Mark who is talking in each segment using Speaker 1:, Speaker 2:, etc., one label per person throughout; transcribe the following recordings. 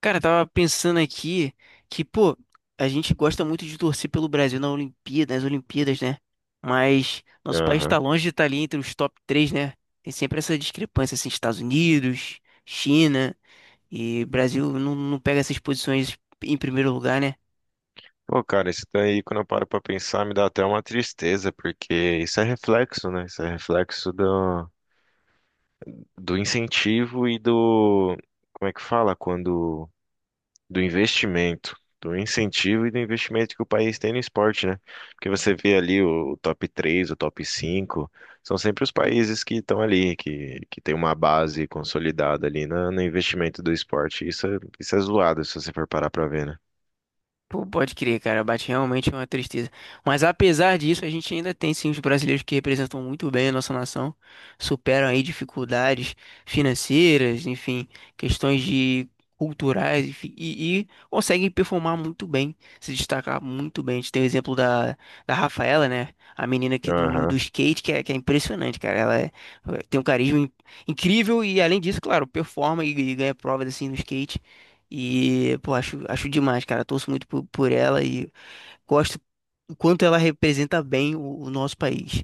Speaker 1: Cara, eu tava pensando aqui que, pô, a gente gosta muito de torcer pelo Brasil na Olimpíada, nas Olimpíadas, né? Mas nosso país tá
Speaker 2: Aham.
Speaker 1: longe de estar ali entre os top 3, né? Tem sempre essa discrepância, assim, Estados Unidos, China e Brasil não pega essas posições em primeiro lugar, né?
Speaker 2: Pô, cara, isso daí, quando eu paro pra pensar, me dá até uma tristeza, porque isso é reflexo, né? Isso é reflexo do incentivo e do. Como é que fala? Quando. Do investimento. Do incentivo e do investimento que o país tem no esporte, né? Porque você vê ali o top 3 o top 5 são sempre os países que estão ali, que tem uma base consolidada ali no investimento do esporte. Isso é zoado, se você for parar pra ver, né?
Speaker 1: Pô, pode crer, cara, bate realmente uma tristeza. Mas apesar disso, a gente ainda tem sim os brasileiros que representam muito bem a nossa nação, superam aí dificuldades financeiras, enfim, questões de culturais, enfim, e conseguem performar muito bem, se destacar muito bem. A gente tem o exemplo da Rafaela, né? A menina aqui do
Speaker 2: Aham.
Speaker 1: skate, que é impressionante, cara. Tem um carisma incrível e, além disso, claro, performa e ganha provas assim no skate. E, pô, acho demais, cara. Torço muito por ela e gosto o quanto ela representa bem o nosso país.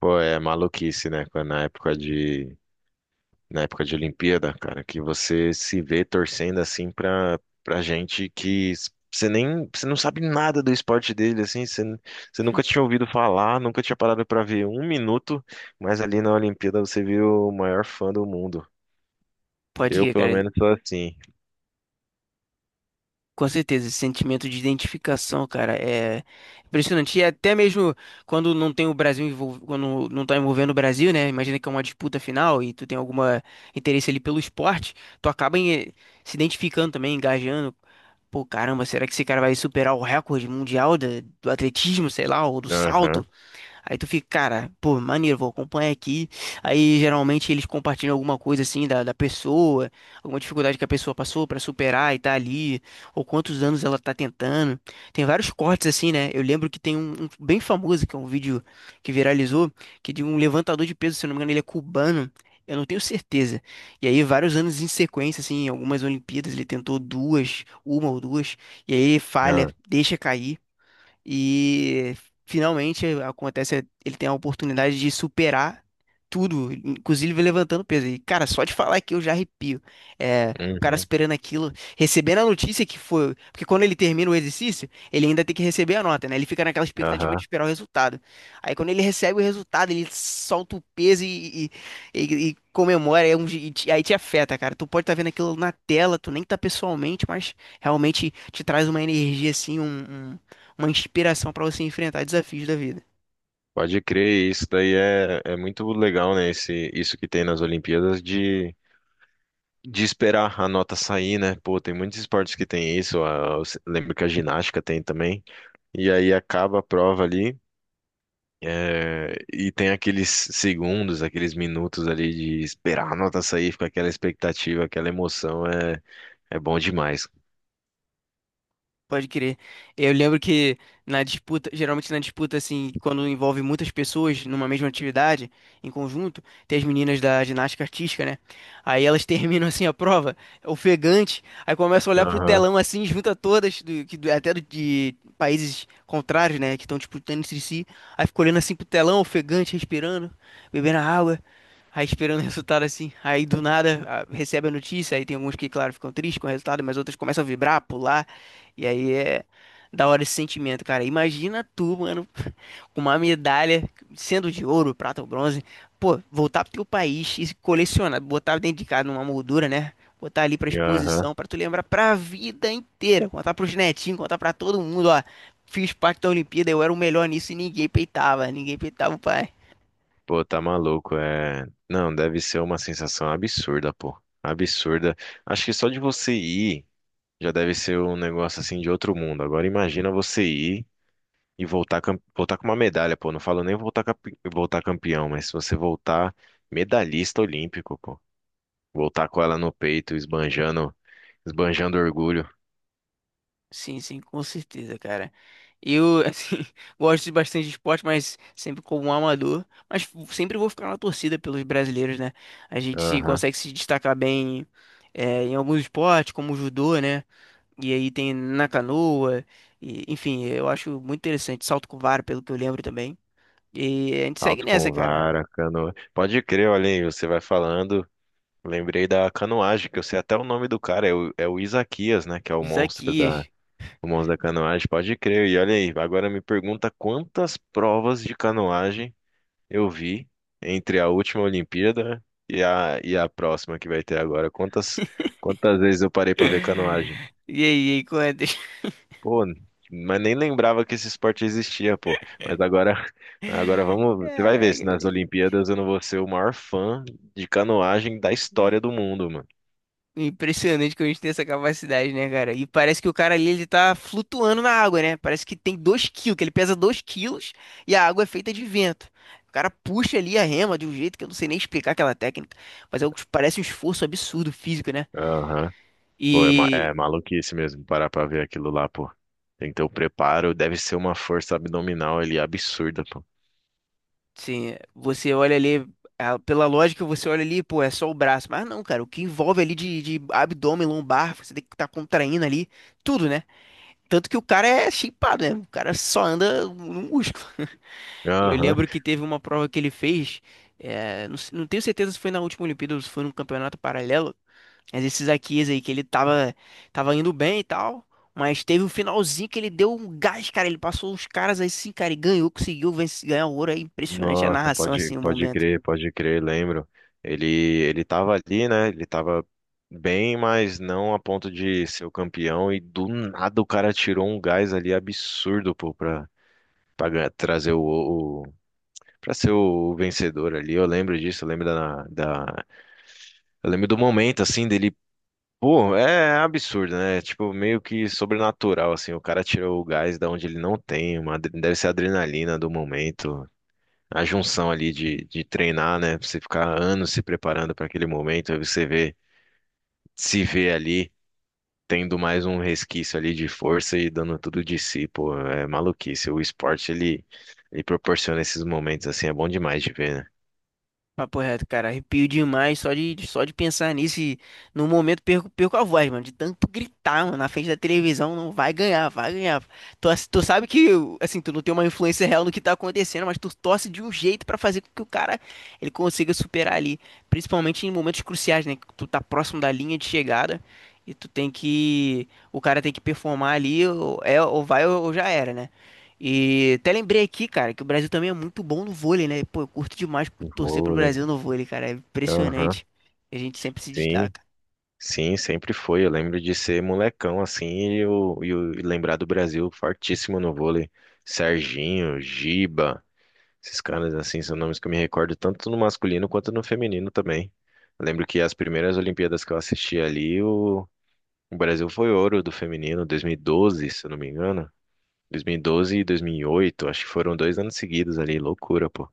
Speaker 2: Pô, é maluquice, né? Quando Na época de, Na época de Olimpíada, cara, que você se vê torcendo assim pra gente você nem, você não sabe nada do esporte dele, assim, você nunca tinha ouvido falar, nunca tinha parado pra ver um minuto, mas ali na Olimpíada você viu o maior fã do mundo.
Speaker 1: Pode
Speaker 2: Eu,
Speaker 1: ir,
Speaker 2: pelo
Speaker 1: cara.
Speaker 2: menos, sou assim.
Speaker 1: Com certeza, esse sentimento de identificação, cara, é impressionante. E até mesmo quando não tá envolvendo o Brasil, né? Imagina que é uma disputa final e tu tem alguma interesse ali pelo esporte, tu acaba em- se identificando também, engajando. Pô, caramba, será que esse cara vai superar o recorde mundial do atletismo, sei lá, ou do
Speaker 2: Aham.
Speaker 1: salto? Aí tu fica, cara, pô, maneiro, vou acompanhar aqui. Aí geralmente eles compartilham alguma coisa assim da pessoa, alguma dificuldade que a pessoa passou pra superar e tá ali, ou quantos anos ela tá tentando. Tem vários cortes assim, né? Eu lembro que tem um bem famoso, que é um vídeo que viralizou, que é de um levantador de peso, se eu não me engano, ele é cubano. Eu não tenho certeza. E aí, vários anos em sequência, assim, em algumas Olimpíadas, ele tentou duas, uma ou duas, e aí ele falha,
Speaker 2: Aham.
Speaker 1: deixa cair. E finalmente acontece, ele tem a oportunidade de superar tudo, inclusive levantando peso. E cara, só de falar aqui eu já arrepio. É, o cara
Speaker 2: Uhum.
Speaker 1: superando aquilo, recebendo a notícia que foi, porque quando ele termina o exercício, ele ainda tem que receber a nota, né? Ele fica naquela expectativa de
Speaker 2: Aham.
Speaker 1: esperar o resultado. Aí quando ele recebe o resultado, ele solta o peso e comemora, aí te afeta, cara. Tu pode estar vendo aquilo na tela, tu nem tá pessoalmente, mas realmente te traz uma energia assim, um uma inspiração para você enfrentar desafios da vida.
Speaker 2: Pode crer, isso daí é, é muito legal, né? Esse, isso que tem nas Olimpíadas de esperar a nota sair, né? Pô, tem muitos esportes que tem isso. a- eu se- Lembro que a ginástica tem também. E aí acaba a prova ali. É, e tem aqueles segundos, aqueles minutos ali de esperar a nota sair, fica aquela expectativa, aquela emoção, é, é bom demais.
Speaker 1: Pode crer. É, eu lembro que geralmente na disputa, assim, quando envolve muitas pessoas numa mesma atividade, em conjunto, tem as meninas da ginástica artística, né? Aí elas terminam, assim, a prova, ofegante, aí começam a olhar pro
Speaker 2: Aham.
Speaker 1: telão, assim, junta todas, do, que, do- até do- de países contrários, né, que estão disputando entre si, aí fica olhando, assim, pro telão, ofegante, respirando, bebendo água, aí esperando o resultado, assim. Aí, do nada, recebe a notícia, aí tem alguns que, claro, ficam tristes com o resultado, mas outros começam a vibrar, pular, e aí é da hora esse sentimento, cara. Imagina tu, mano, com uma medalha, sendo de ouro, prata ou bronze, pô, voltar pro teu país e colecionar, botar dentro de casa numa moldura, né? Botar ali pra
Speaker 2: Aham.
Speaker 1: exposição, pra tu lembrar pra vida inteira, contar pros netinhos, contar pra todo mundo, ó. Fiz parte da Olimpíada, eu era o melhor nisso e ninguém peitava o pai.
Speaker 2: Pô, tá maluco, é. Não, deve ser uma sensação absurda, pô. Absurda. Acho que só de você ir já deve ser um negócio assim de outro mundo. Agora imagina você ir. E voltar, voltar com uma medalha, pô. Não falo nem voltar, voltar campeão, mas se você voltar medalhista olímpico, pô. Voltar com ela no peito, esbanjando orgulho.
Speaker 1: Sim, sim, com certeza, cara. Eu, assim, gosto de bastante de esporte, mas sempre como um amador. Mas sempre vou ficar na torcida pelos brasileiros, né? A gente se,
Speaker 2: Aham.
Speaker 1: consegue se destacar bem é, em alguns esportes, como o judô, né? E aí tem na canoa. E, enfim, eu acho muito interessante. Salto com vara, pelo que eu lembro também. E a gente segue
Speaker 2: Alto
Speaker 1: nessa,
Speaker 2: com
Speaker 1: cara.
Speaker 2: vara, canoa. Pode crer, olha aí, você vai falando. Lembrei da canoagem, que eu sei até o nome do cara, é é o Isaquias, né? Que é
Speaker 1: Isso aqui.
Speaker 2: o monstro da canoagem. Pode crer. E olha aí, agora me pergunta quantas provas de canoagem eu vi entre a última Olimpíada e e a próxima que vai ter agora. Quantas, quantas vezes eu parei pra ver canoagem?
Speaker 1: E aí, quantas?
Speaker 2: Pô, mas nem lembrava que esse esporte existia, pô. Mas agora, agora vamos, você vai ver se
Speaker 1: Caraca,
Speaker 2: nas Olimpíadas eu não vou ser o maior fã de canoagem da história do mundo, mano.
Speaker 1: impressionante que a gente tem essa capacidade, né, cara? E parece que o cara ali, ele tá flutuando na água, né? Parece que tem 2 quilos, que ele pesa 2 quilos e a água é feita de vento. O cara puxa ali a rema de um jeito que eu não sei nem explicar aquela técnica, mas é, o que parece um esforço absurdo físico, né?
Speaker 2: Aham. Pô, é,
Speaker 1: E,
Speaker 2: é maluquice mesmo parar pra ver aquilo lá, pô. Tem que ter o preparo, deve ser uma força abdominal ali absurda, pô.
Speaker 1: sim, você olha ali, ah, pela lógica, você olha ali, pô, é só o braço. Mas não, cara, o que envolve ali de abdômen, lombar, você tem que estar tá contraindo ali, tudo, né? Tanto que o cara é shapeado, né? O cara só anda no músculo. Eu
Speaker 2: Aham.
Speaker 1: lembro que teve uma prova que ele fez, não tenho certeza se foi na última Olimpíada ou se foi num campeonato paralelo, mas esses Akias aí que tava indo bem e tal, mas teve um finalzinho que ele deu um gás, cara, ele passou os caras aí sim, cara, e ganhou, conseguiu vencer, ganhar o ouro, é impressionante a
Speaker 2: Nossa,
Speaker 1: narração
Speaker 2: pode,
Speaker 1: assim, o momento.
Speaker 2: pode crer, lembro. Ele tava ali, né? Ele tava bem, mas não a ponto de ser o campeão. E do nada o cara tirou um gás ali absurdo, pô, pra, trazer o, pra ser o vencedor ali. Eu lembro disso, eu lembro eu lembro do momento, assim, dele. Pô, é absurdo, né? Tipo, meio que sobrenatural, assim. O cara tirou o gás da onde ele não tem, uma, deve ser a adrenalina do momento a junção ali de treinar, né? Pra você ficar anos se preparando para aquele momento, aí você vê, se vê ali tendo mais um resquício ali de força e dando tudo de si, pô, é maluquice. O esporte ele proporciona esses momentos assim, é bom demais de ver, né?
Speaker 1: Papo reto, cara, arrepio demais só de pensar nisso e no momento perco a voz, mano, de tanto gritar, mano, na frente da televisão, não vai ganhar, vai ganhar. Tu sabe que, assim, tu não tem uma influência real no que tá acontecendo, mas tu torce de um jeito pra fazer com que o cara, ele consiga superar ali, principalmente em momentos cruciais, né, que tu tá próximo da linha de chegada e tu tem que, o cara tem que performar ali, ou, é, ou vai ou já era, né? E até lembrei aqui, cara, que o Brasil também é muito bom no vôlei, né? Pô, eu curto demais
Speaker 2: O
Speaker 1: torcer pro
Speaker 2: vôlei.
Speaker 1: Brasil no vôlei, cara. É
Speaker 2: Aham.
Speaker 1: impressionante. A gente sempre se
Speaker 2: Sim.
Speaker 1: destaca.
Speaker 2: Sim, sempre foi. Eu lembro de ser molecão assim e, e lembrar do Brasil fortíssimo no vôlei. Serginho, Giba, esses caras, assim, são nomes que eu me recordo tanto no masculino quanto no feminino também. Eu lembro que as primeiras Olimpíadas que eu assisti ali, o Brasil foi ouro do feminino, 2012, se eu não me engano. 2012 e 2008, acho que foram dois anos seguidos ali, loucura, pô.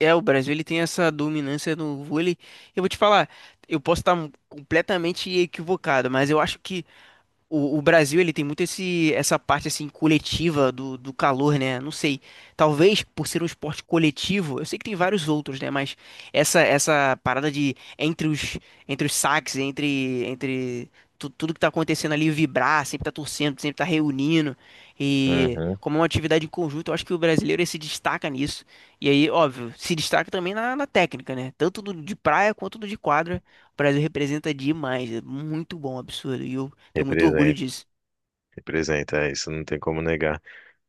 Speaker 1: É, o Brasil ele tem essa dominância no vôlei. Eu vou te falar, eu posso estar completamente equivocado, mas eu acho que o Brasil, ele tem muito esse, essa parte, assim, coletiva do calor, né? Não sei. Talvez por ser um esporte coletivo, eu sei que tem vários outros, né? Mas essa parada entre os saques, entre tudo que tá acontecendo ali, vibrar, sempre tá torcendo, sempre tá reunindo. E
Speaker 2: Uhum.
Speaker 1: como é uma atividade em conjunto, eu acho que o brasileiro ele se destaca nisso. E aí, óbvio, se destaca também na técnica, né? Tanto do de praia quanto do de quadra. O Brasil representa demais. É muito bom, absurdo. E eu tenho muito orgulho
Speaker 2: Representa,
Speaker 1: disso.
Speaker 2: representa, é, isso não tem como negar.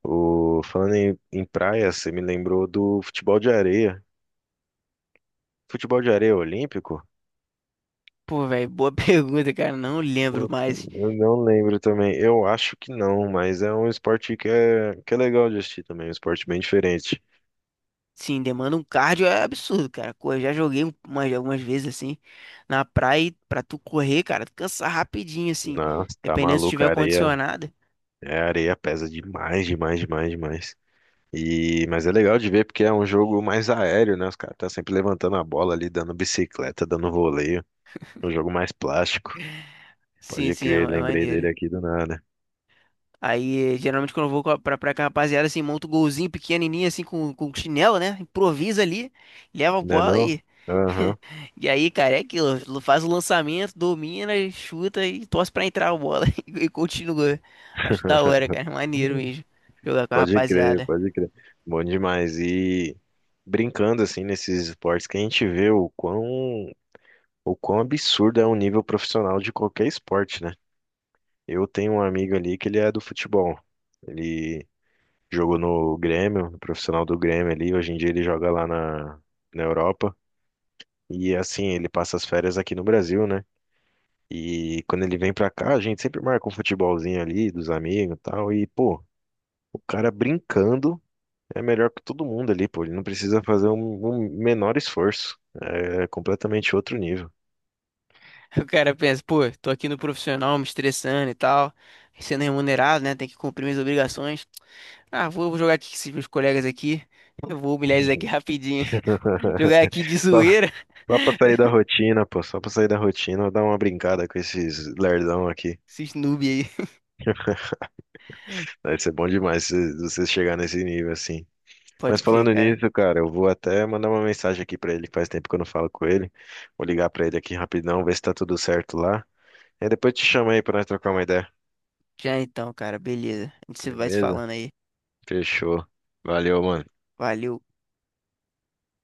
Speaker 2: O, falando em praia, você me lembrou do futebol de areia. Futebol de areia olímpico?
Speaker 1: Pô, velho, boa pergunta, cara. Não lembro, mais
Speaker 2: Eu não lembro também. Eu acho que não, mas é um esporte que é legal de assistir também. Um esporte bem diferente.
Speaker 1: sim, demanda um cardio é absurdo, cara. Correr, já joguei algumas vezes assim na praia e pra tu correr, cara, tu cansa rapidinho, assim.
Speaker 2: Nossa, tá
Speaker 1: Dependendo se
Speaker 2: maluco. A
Speaker 1: tiver
Speaker 2: areia,
Speaker 1: condicionada.
Speaker 2: é, a areia pesa demais, demais, demais, demais. E, mas é legal de ver porque é um jogo mais aéreo, né? Os caras estão sempre levantando a bola ali, dando bicicleta, dando voleio. É um jogo mais plástico.
Speaker 1: Sim,
Speaker 2: Pode
Speaker 1: sim, é,
Speaker 2: crer,
Speaker 1: é
Speaker 2: lembrei
Speaker 1: maneiro.
Speaker 2: dele aqui do nada.
Speaker 1: Aí, eh, geralmente, quando eu vou pra praia com a rapaziada, assim, monta um golzinho pequenininho, assim, com chinelo, né? Improvisa ali, leva a
Speaker 2: Não é
Speaker 1: bola
Speaker 2: não?
Speaker 1: e
Speaker 2: Aham.
Speaker 1: E aí, cara, é aquilo. Faz o lançamento, domina, chuta e torce pra entrar a bola. E continua. Acho da hora, cara. Maneiro mesmo. Jogar com a
Speaker 2: Pode crer,
Speaker 1: rapaziada.
Speaker 2: pode crer. Bom demais. E brincando assim nesses esportes que a gente vê o quão absurdo é o nível profissional de qualquer esporte, né? Eu tenho um amigo ali que ele é do futebol. Ele jogou no Grêmio, no profissional do Grêmio ali. Hoje em dia ele joga lá na Europa. E assim, ele passa as férias aqui no Brasil, né? E quando ele vem pra cá, a gente sempre marca um futebolzinho ali dos amigos e tal. E, pô, o cara brincando. É melhor que todo mundo ali, pô. Ele não precisa fazer um menor esforço. É completamente outro nível.
Speaker 1: O cara pensa, pô, tô aqui no profissional, me estressando e tal. Sendo remunerado, né? Tem que cumprir minhas obrigações. Ah, vou jogar aqui com esses meus colegas aqui. Eu vou humilhar eles aqui rapidinho. Jogar aqui de
Speaker 2: Só,
Speaker 1: zoeira.
Speaker 2: só pra sair da rotina, pô. Só pra sair da rotina, eu dar uma brincada com esses lerdão aqui.
Speaker 1: Esses noob aí.
Speaker 2: Vai ser bom demais se você chegar nesse nível assim. Mas
Speaker 1: Pode crer,
Speaker 2: falando
Speaker 1: cara.
Speaker 2: nisso, cara, eu vou até mandar uma mensagem aqui pra ele, que faz tempo que eu não falo com ele. Vou ligar pra ele aqui rapidão, ver se tá tudo certo lá. Aí depois te chamo aí pra nós trocar uma ideia.
Speaker 1: Já então, cara. Beleza. A gente se- Vai se
Speaker 2: Beleza?
Speaker 1: falando aí.
Speaker 2: Fechou. Valeu, mano.
Speaker 1: Valeu.